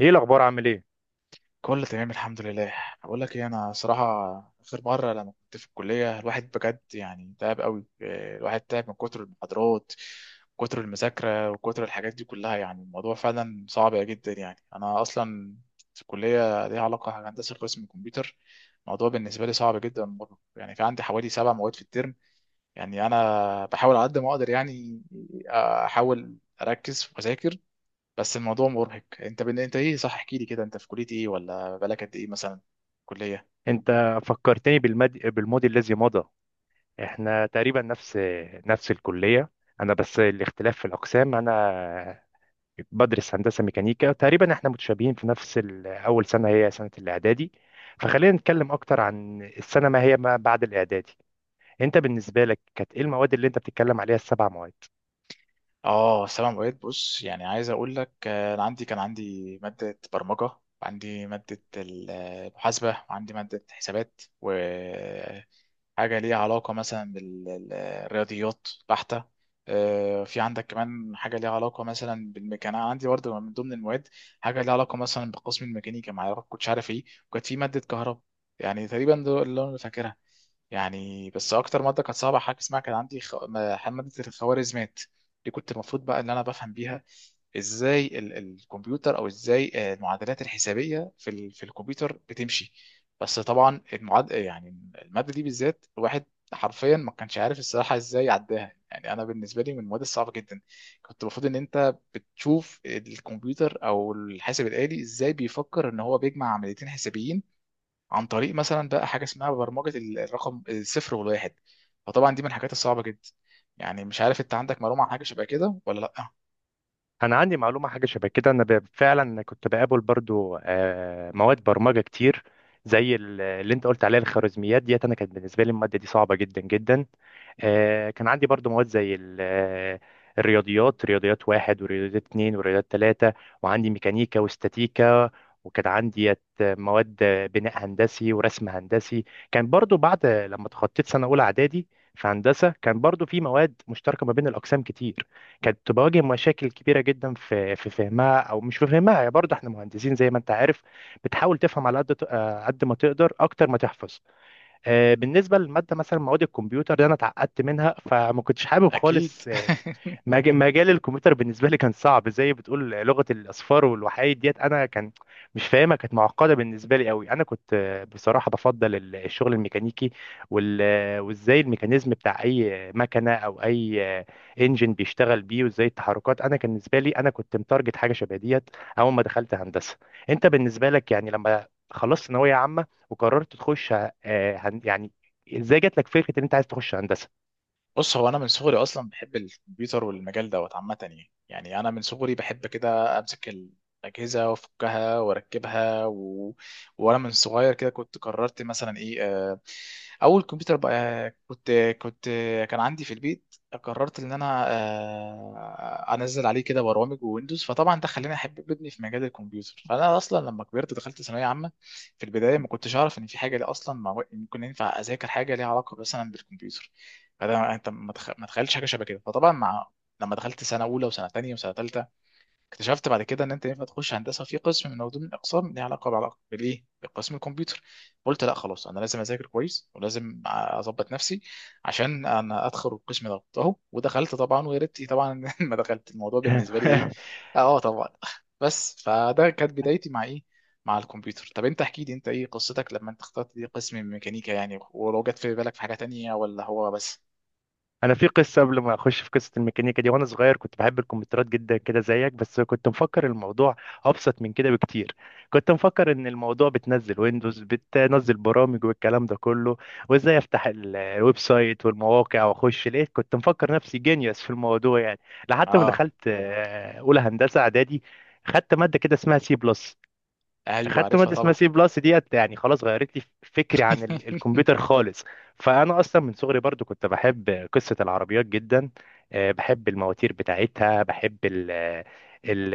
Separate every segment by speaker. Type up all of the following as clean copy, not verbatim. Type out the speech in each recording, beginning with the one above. Speaker 1: ايه الاخبار، عامل ايه؟
Speaker 2: كله تمام الحمد لله. بقول لك ايه، انا صراحه اخر مره لما كنت في الكليه الواحد بجد تعب قوي، الواحد تعب من كتر المحاضرات، كتر المذاكره وكتر الحاجات دي كلها. يعني الموضوع فعلا صعب جدا. يعني انا اصلا في الكليه ليها علاقه هندسه قسم الكمبيوتر. الموضوع بالنسبه لي صعب جدا مرة. يعني في عندي حوالي 7 مواد في الترم، يعني انا بحاول على قد ما اقدر، يعني احاول اركز واذاكر. بس الموضوع مرهق. انت ايه؟ صح، احكي لي كده، انت في كليه ايه؟ ولا بقالك قد ايه مثلا؟ كليه.
Speaker 1: انت فكرتني بالماضي الذي مضى. احنا تقريبا نفس الكليه. انا بس الاختلاف في الاقسام، انا بدرس هندسه ميكانيكا. تقريبا احنا متشابهين في نفس اول سنه، هي سنه الاعدادي. فخلينا نتكلم اكتر عن السنه، ما هي ما بعد الاعدادي. انت بالنسبه لك كانت ايه المواد اللي انت بتتكلم عليها، السبع مواد؟
Speaker 2: اه سلام اوقات. بص يعني عايز اقول لك، انا كان عندي ماده برمجه، عندي ماده المحاسبه، وعندي ماده حسابات، وحاجه ليها علاقه مثلا بالرياضيات بحته. في عندك كمان حاجه ليها علاقه مثلا بالميكانيكا. أنا عندي برضه من ضمن المواد حاجه ليها علاقه مثلا بقسم الميكانيكا، ما أعرف- كنتش عارف ايه، وكانت في ماده كهرباء. يعني تقريبا دول اللي انا فاكرها. يعني بس اكتر ماده كانت صعبه حاجه اسمها كان عندي خ... ما- ماده الخوارزميات. دي كنت المفروض بقى ان انا بفهم بيها ازاي الكمبيوتر، او ازاي المعادلات الحسابيه في الكمبيوتر بتمشي. بس طبعا المعاد يعني الماده دي بالذات الواحد حرفيا ما كانش عارف الصراحه ازاي عداها. يعني انا بالنسبه لي من المواد الصعبه جدا. كنت المفروض ان انت بتشوف الكمبيوتر او الحاسب الالي ازاي بيفكر ان هو بيجمع عمليتين حسابيين عن طريق مثلا بقى حاجه اسمها برمجه الرقم الصفر والواحد. فطبعا دي من الحاجات الصعبه جدا. يعني مش عارف انت عندك معلومه عن حاجه شبه كده ولا لا؟
Speaker 1: انا عندي معلومه حاجه شبه كده. انا فعلا كنت بقابل برضو مواد برمجه كتير زي اللي انت قلت عليها الخوارزميات ديت، انا كانت بالنسبه لي الماده دي صعبه جدا جدا. كان عندي برضو مواد زي الرياضيات، رياضيات واحد ورياضيات اتنين ورياضيات تلاتة، وعندي ميكانيكا واستاتيكا، وكان عندي مواد بناء هندسي ورسم هندسي. كان برضو بعد لما تخطيت سنة أولى إعدادي في هندسة، كان برضو في مواد مشتركة ما بين الأقسام كتير، كانت بواجه مشاكل كبيرة جدا في فهمها، أو مش في فهمها. يعني برضو احنا مهندسين زي ما أنت عارف، بتحاول تفهم على قد ت- آه، قد ما تقدر أكتر ما تحفظ. بالنسبه للماده مثلا، مواد الكمبيوتر دي انا اتعقدت منها، فما كنتش حابب
Speaker 2: اكيد
Speaker 1: خالص مجال الكمبيوتر. بالنسبه لي كان صعب، زي بتقول لغه الاصفار والوحايد ديت، انا كان مش فاهمها، كانت معقده بالنسبه لي قوي. انا كنت بصراحه بفضل الشغل الميكانيكي وازاي الميكانيزم بتاع اي مكنه او اي انجن بيشتغل بيه وازاي التحركات. انا كان بالنسبه لي، انا كنت متارجت حاجه شبه ديت اول ما دخلت هندسه. انت بالنسبه لك يعني لما خلصت ثانويه عامه وقررت تخش آه، هن- يعني ازاي جات لك فكره ان انت عايز تخش هندسه؟
Speaker 2: بص، هو انا من صغري اصلا بحب الكمبيوتر والمجال دوت عامه، يعني يعني انا من صغري بحب كده امسك الاجهزه وافكها واركبها و... وانا من صغير كده كنت قررت مثلا ايه، اول كمبيوتر بقى كنت كان عندي في البيت قررت ان انا انزل عليه كده برامج وويندوز. فطبعا ده خلاني احب ابني في مجال الكمبيوتر. فانا اصلا لما كبرت دخلت ثانويه عامه. في البدايه ما كنتش اعرف ان في حاجه ليه اصلا ممكن ينفع اذاكر حاجه ليها علاقه مثلا بالكمبيوتر. فده انت ما تخيلتش حاجه شبه كده. فطبعا مع لما دخلت سنه اولى وسنه تانية وسنه تالتة اكتشفت بعد كده ان انت ينفع تخش هندسه في قسم من ضمن الاقسام ليها علاقه بعلاقه بالايه بقسم الكمبيوتر. قلت لا خلاص، انا لازم اذاكر كويس ولازم اظبط نفسي عشان انا ادخل القسم ده اهو. ودخلت طبعا، ويا ريتني طبعا ما دخلت. الموضوع بالنسبه لي ايه. اه طبعا. بس فده كانت بدايتي مع ايه، مع الكمبيوتر. طب انت احكي لي، انت ايه قصتك لما انت اخترت دي قسم ميكانيكا يعني، ولو جت في بالك في حاجه تانية ولا هو بس؟
Speaker 1: انا في قصه قبل ما اخش في قصه الميكانيكا دي. وانا صغير كنت بحب الكمبيوترات جدا كده زيك، بس كنت مفكر الموضوع ابسط من كده بكتير. كنت مفكر ان الموضوع بتنزل ويندوز، بتنزل برامج والكلام ده كله، وازاي افتح الويب سايت والمواقع واخش. لقيت كنت مفكر نفسي جينيوس في الموضوع يعني، لحد ما
Speaker 2: اه.
Speaker 1: دخلت اولى هندسه اعدادي. خدت ماده كده اسمها سي بلس.
Speaker 2: ايوه
Speaker 1: اخدت
Speaker 2: عارفها
Speaker 1: ماده اسمها
Speaker 2: طبعا.
Speaker 1: سي بلس ديت يعني خلاص غيرت لي فكري عن الكمبيوتر خالص. فانا اصلا من صغري برضو كنت بحب قصه العربيات جدا. بحب المواتير بتاعتها، بحب ال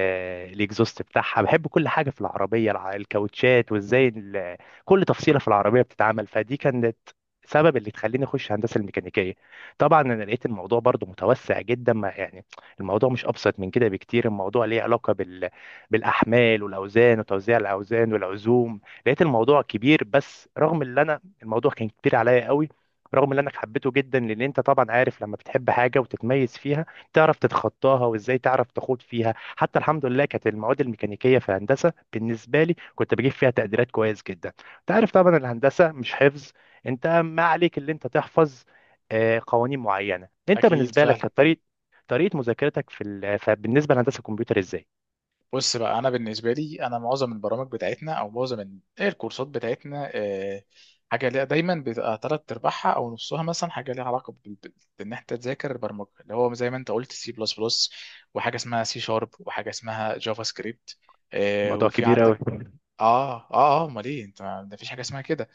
Speaker 1: الاكزوست بتاعها، بحب كل حاجه في العربيه، الكاوتشات، وازاي كل تفصيله في العربيه بتتعمل. فدي كانت سبب اللي تخليني اخش هندسه الميكانيكيه. طبعا انا لقيت الموضوع برضو متوسع جدا، ما يعني الموضوع مش ابسط من كده بكتير. الموضوع ليه علاقه بالاحمال والاوزان وتوزيع الاوزان والعزوم. لقيت الموضوع كبير. بس رغم اللي انا، الموضوع كان كبير عليا قوي، رغم اللي انا حبيته جدا، لان انت طبعا عارف لما بتحب حاجه وتتميز فيها، تعرف تتخطاها وازاي تعرف تخوض فيها. حتى الحمد لله كانت المواد الميكانيكيه في هندسه بالنسبه لي كنت بجيب فيها تقديرات كويس جدا. انت عارف طبعا الهندسه مش حفظ، انت ما عليك اللي انت تحفظ قوانين معينه. انت
Speaker 2: اكيد
Speaker 1: بالنسبه لك
Speaker 2: فعلا.
Speaker 1: كانت طريقه، طريقه مذاكرتك فبالنسبه لهندسه الكمبيوتر ازاي؟
Speaker 2: بص بقى، انا بالنسبه لي انا معظم البرامج بتاعتنا او معظم إيه الكورسات بتاعتنا، حاجه ليها دايما بتبقى تلات ارباعها او نصها مثلا حاجه ليها علاقه بان انت تذاكر البرمجه، اللي هو زي ما انت قلت سي بلس بلس، وحاجه اسمها سي شارب، وحاجه اسمها جافا سكريبت،
Speaker 1: الموضوع
Speaker 2: وفي
Speaker 1: كبير
Speaker 2: عندك.
Speaker 1: قوي.
Speaker 2: اه اه اه، امال ايه انت، ده مفيش حاجه اسمها كده.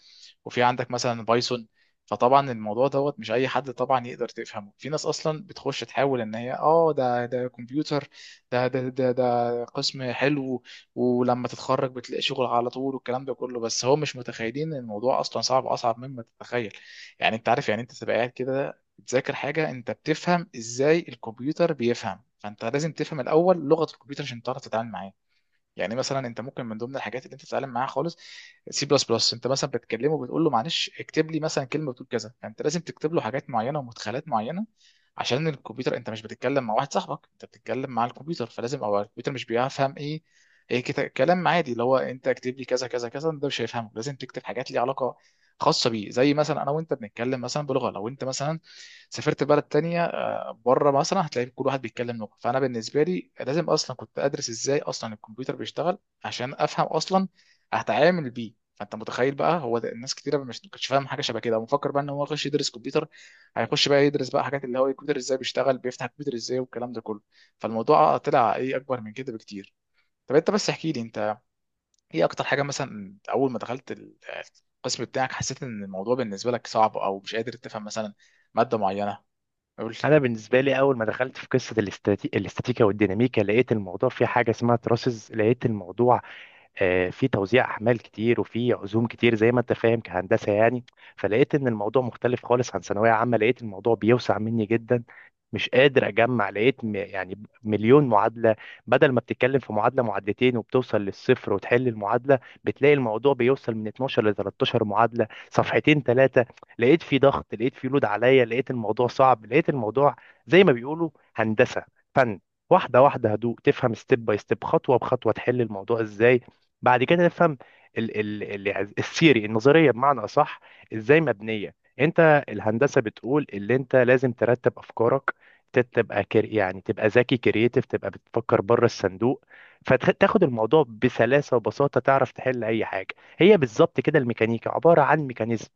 Speaker 2: وفي عندك مثلا بايثون. فطبعا الموضوع دوت مش اي حد طبعا يقدر تفهمه. في ناس اصلا بتخش تحاول ان هي اه ده كمبيوتر، ده قسم حلو، ولما تتخرج بتلاقي شغل على طول والكلام ده كله. بس هو مش متخيلين ان الموضوع اصلا صعب، اصعب مما تتخيل. يعني انت عارف يعني انت تبقى قاعد كده بتذاكر حاجه انت بتفهم ازاي الكمبيوتر بيفهم. فانت لازم تفهم الاول لغه الكمبيوتر عشان تعرف تتعامل معاه. يعني مثلا انت ممكن من ضمن الحاجات اللي انت تتعلم معاها خالص سي بلس بلس، انت مثلا بتكلمه بتقول له معلش اكتب لي مثلا كلمه بتقول كذا. فانت لازم تكتب له حاجات معينه ومدخلات معينه عشان الكمبيوتر. انت مش بتتكلم مع واحد صاحبك، انت بتتكلم مع الكمبيوتر. فلازم، او الكمبيوتر مش بيفهم ايه، ايه كلام عادي اللي هو انت اكتب لي كذا كذا كذا، ده مش هيفهمه. لازم تكتب حاجات ليها علاقه خاصه بيه. زي مثلا انا وانت بنتكلم مثلا بلغه، لو انت مثلا سافرت بلد تانية بره مثلا هتلاقي كل واحد بيتكلم لغه. فانا بالنسبه لي لازم اصلا كنت ادرس ازاي اصلا الكمبيوتر بيشتغل عشان افهم اصلا هتعامل بيه. فانت متخيل بقى، هو ده. الناس كتيره مش ما كانتش فاهم حاجه شبه كده ومفكر بقى ان هو يخش يدرس كمبيوتر، هيخش بقى يدرس بقى حاجات اللي هو الكمبيوتر ازاي بيشتغل، بيفتح الكمبيوتر ازاي، والكلام ده كله. فالموضوع طلع ايه، اكبر من كده بكتير. طب انت بس احكي لي، انت ايه اكتر حاجه مثلا اول ما دخلت القسم بتاعك حسيت ان الموضوع بالنسبه لك صعب، او مش قادر تفهم مثلا ماده معينه؟ قول لي.
Speaker 1: انا بالنسبه لي اول ما دخلت في قصه الاستاتيكا والديناميكا، لقيت الموضوع فيه حاجه اسمها تراسز. لقيت الموضوع في توزيع احمال كتير وفي عزوم كتير زي ما انت فاهم كهندسه يعني. فلقيت ان الموضوع مختلف خالص عن ثانويه عامه، لقيت الموضوع بيوسع مني جدا، مش قادر اجمع. لقيت يعني مليون معادله. بدل ما بتتكلم في معادله، معادلتين، وبتوصل للصفر وتحل المعادله، بتلاقي الموضوع بيوصل من 12 ل 13 معادله، صفحتين ثلاثه. لقيت في ضغط، لقيت في لود عليا، لقيت الموضوع صعب، لقيت الموضوع زي ما بيقولوا هندسه فن. واحده واحده، هدوء، تفهم ستيب باي ستيب، خطوه بخطوه، تحل الموضوع ازاي. بعد كده نفهم ال الثيري، النظريه بمعنى اصح، ازاي مبنيه. انت الهندسه بتقول اللي انت لازم ترتب افكارك، ت- تبقى كر يعني تبقى ذكي، كرييتيف، تبقى بتفكر بره الصندوق، فتاخد الموضوع بسلاسه وبساطه، تعرف تحل اي حاجه. هي بالظبط كده الميكانيكا، عباره عن ميكانيزم.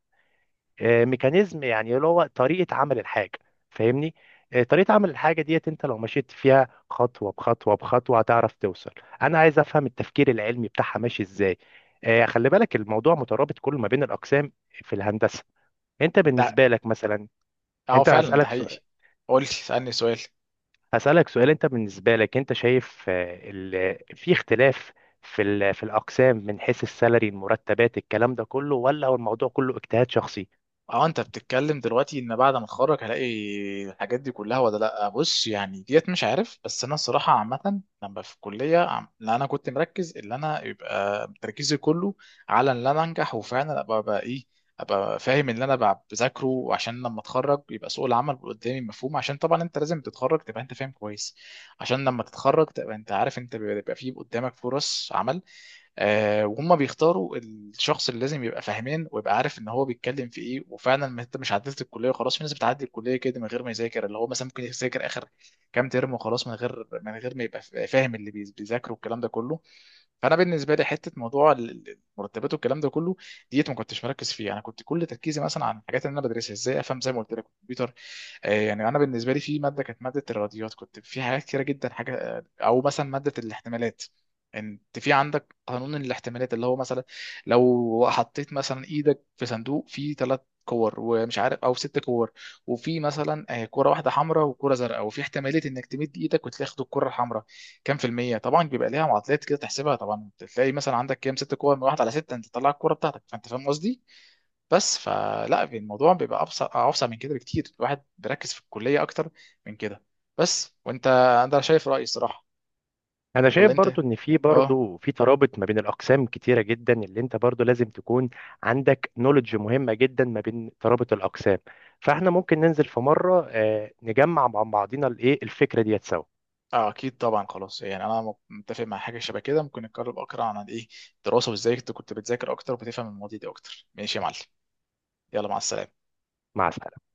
Speaker 1: ميكانيزم يعني اللي هو طريقة عمل الحاجة، فاهمني؟ طريقة عمل الحاجة ديت، انت لو مشيت فيها خطوة بخطوة بخطوة هتعرف توصل. انا عايز افهم التفكير العلمي بتاعها ماشي ازاي. خلي بالك الموضوع مترابط كله ما بين الاقسام في الهندسة. انت
Speaker 2: ده
Speaker 1: بالنسبة لك مثلا،
Speaker 2: اه
Speaker 1: انت
Speaker 2: فعلا، ده
Speaker 1: هسألك
Speaker 2: حقيقي.
Speaker 1: سؤال.
Speaker 2: قول لي، اسالني سؤال.
Speaker 1: هسألك سؤال: انت بالنسبة لك انت شايف في اختلاف في الاقسام من حيث السالري، المرتبات، الكلام ده كله، ولا هو الموضوع كله اجتهاد شخصي؟
Speaker 2: اه انت بتتكلم دلوقتي ان بعد ما اتخرج هلاقي الحاجات دي كلها ولا لا؟ بص يعني ديت مش عارف، بس انا الصراحه عامه لما في الكليه لا، انا كنت مركز اللي انا يبقى تركيزي كله على ان انا انجح، وفعلا ابقى بقى ايه، ابقى فاهم اللي انا بقى بذاكره، وعشان لما اتخرج يبقى سوق العمل قدامي مفهوم. عشان طبعا انت لازم تتخرج تبقى انت فاهم كويس عشان لما تتخرج تبقى انت عارف انت بيبقى فيه قدامك فرص عمل، وهم بيختاروا الشخص اللي لازم يبقى فاهمان ويبقى عارف ان هو بيتكلم في ايه. وفعلا ما انت مش عدلت الكليه وخلاص، في ناس بتعدي الكليه كده من غير ما يذاكر، اللي هو مثلا ممكن يذاكر اخر كام ترم وخلاص، من غير ما يبقى فاهم اللي بيذاكره والكلام ده كله. فانا بالنسبه لي حته موضوع المرتبات والكلام ده كله ديت ما كنتش مركز فيه. انا كنت كل تركيزي مثلا عن الحاجات اللي انا بدرسها ازاي افهم زي ما قلت لك الكمبيوتر. يعني انا بالنسبه لي في ماده كانت ماده الرياضيات، كنت في حاجات كتيره جدا حاجه او مثلا ماده الاحتمالات. انت في عندك قانون الاحتمالات اللي هو مثلا لو حطيت مثلا ايدك في صندوق فيه 3 كور، ومش عارف او 6 كور، وفي مثلا كره واحده حمراء وكره زرقاء، وفي احتماليه انك تمد ايدك وتاخد الكره الحمراء كام في المية. طبعا بيبقى ليها معادلات كده تحسبها، طبعا تلاقي مثلا عندك كام 6 كور، من 1/6 انت تطلع الكورة بتاعتك. فانت فاهم قصدي؟ بس فلا الموضوع بيبقى ابسط من كده بكتير. الواحد بيركز في الكلية اكتر من كده. بس وانت، انا شايف رأيي الصراحة،
Speaker 1: انا
Speaker 2: ولا
Speaker 1: شايف
Speaker 2: انت؟
Speaker 1: برضو ان في،
Speaker 2: اه
Speaker 1: برضو في ترابط ما بين الاقسام كتيره جدا، اللي انت برضو لازم تكون عندك نولج مهمه جدا ما بين ترابط الاقسام. فاحنا ممكن ننزل في مره نجمع مع بعضينا الايه الفكره ديت سوا.
Speaker 2: اه، اكيد طبعا خلاص، يعني انا متفق مع حاجة شبه كده. ممكن نتكلم اكتر عن ايه، الدراسة وازاي كنت بتذاكر اكتر وبتفهم المواضيع دي اكتر. ماشي يا معلم، يلا مع السلامة.
Speaker 1: مع السلامه.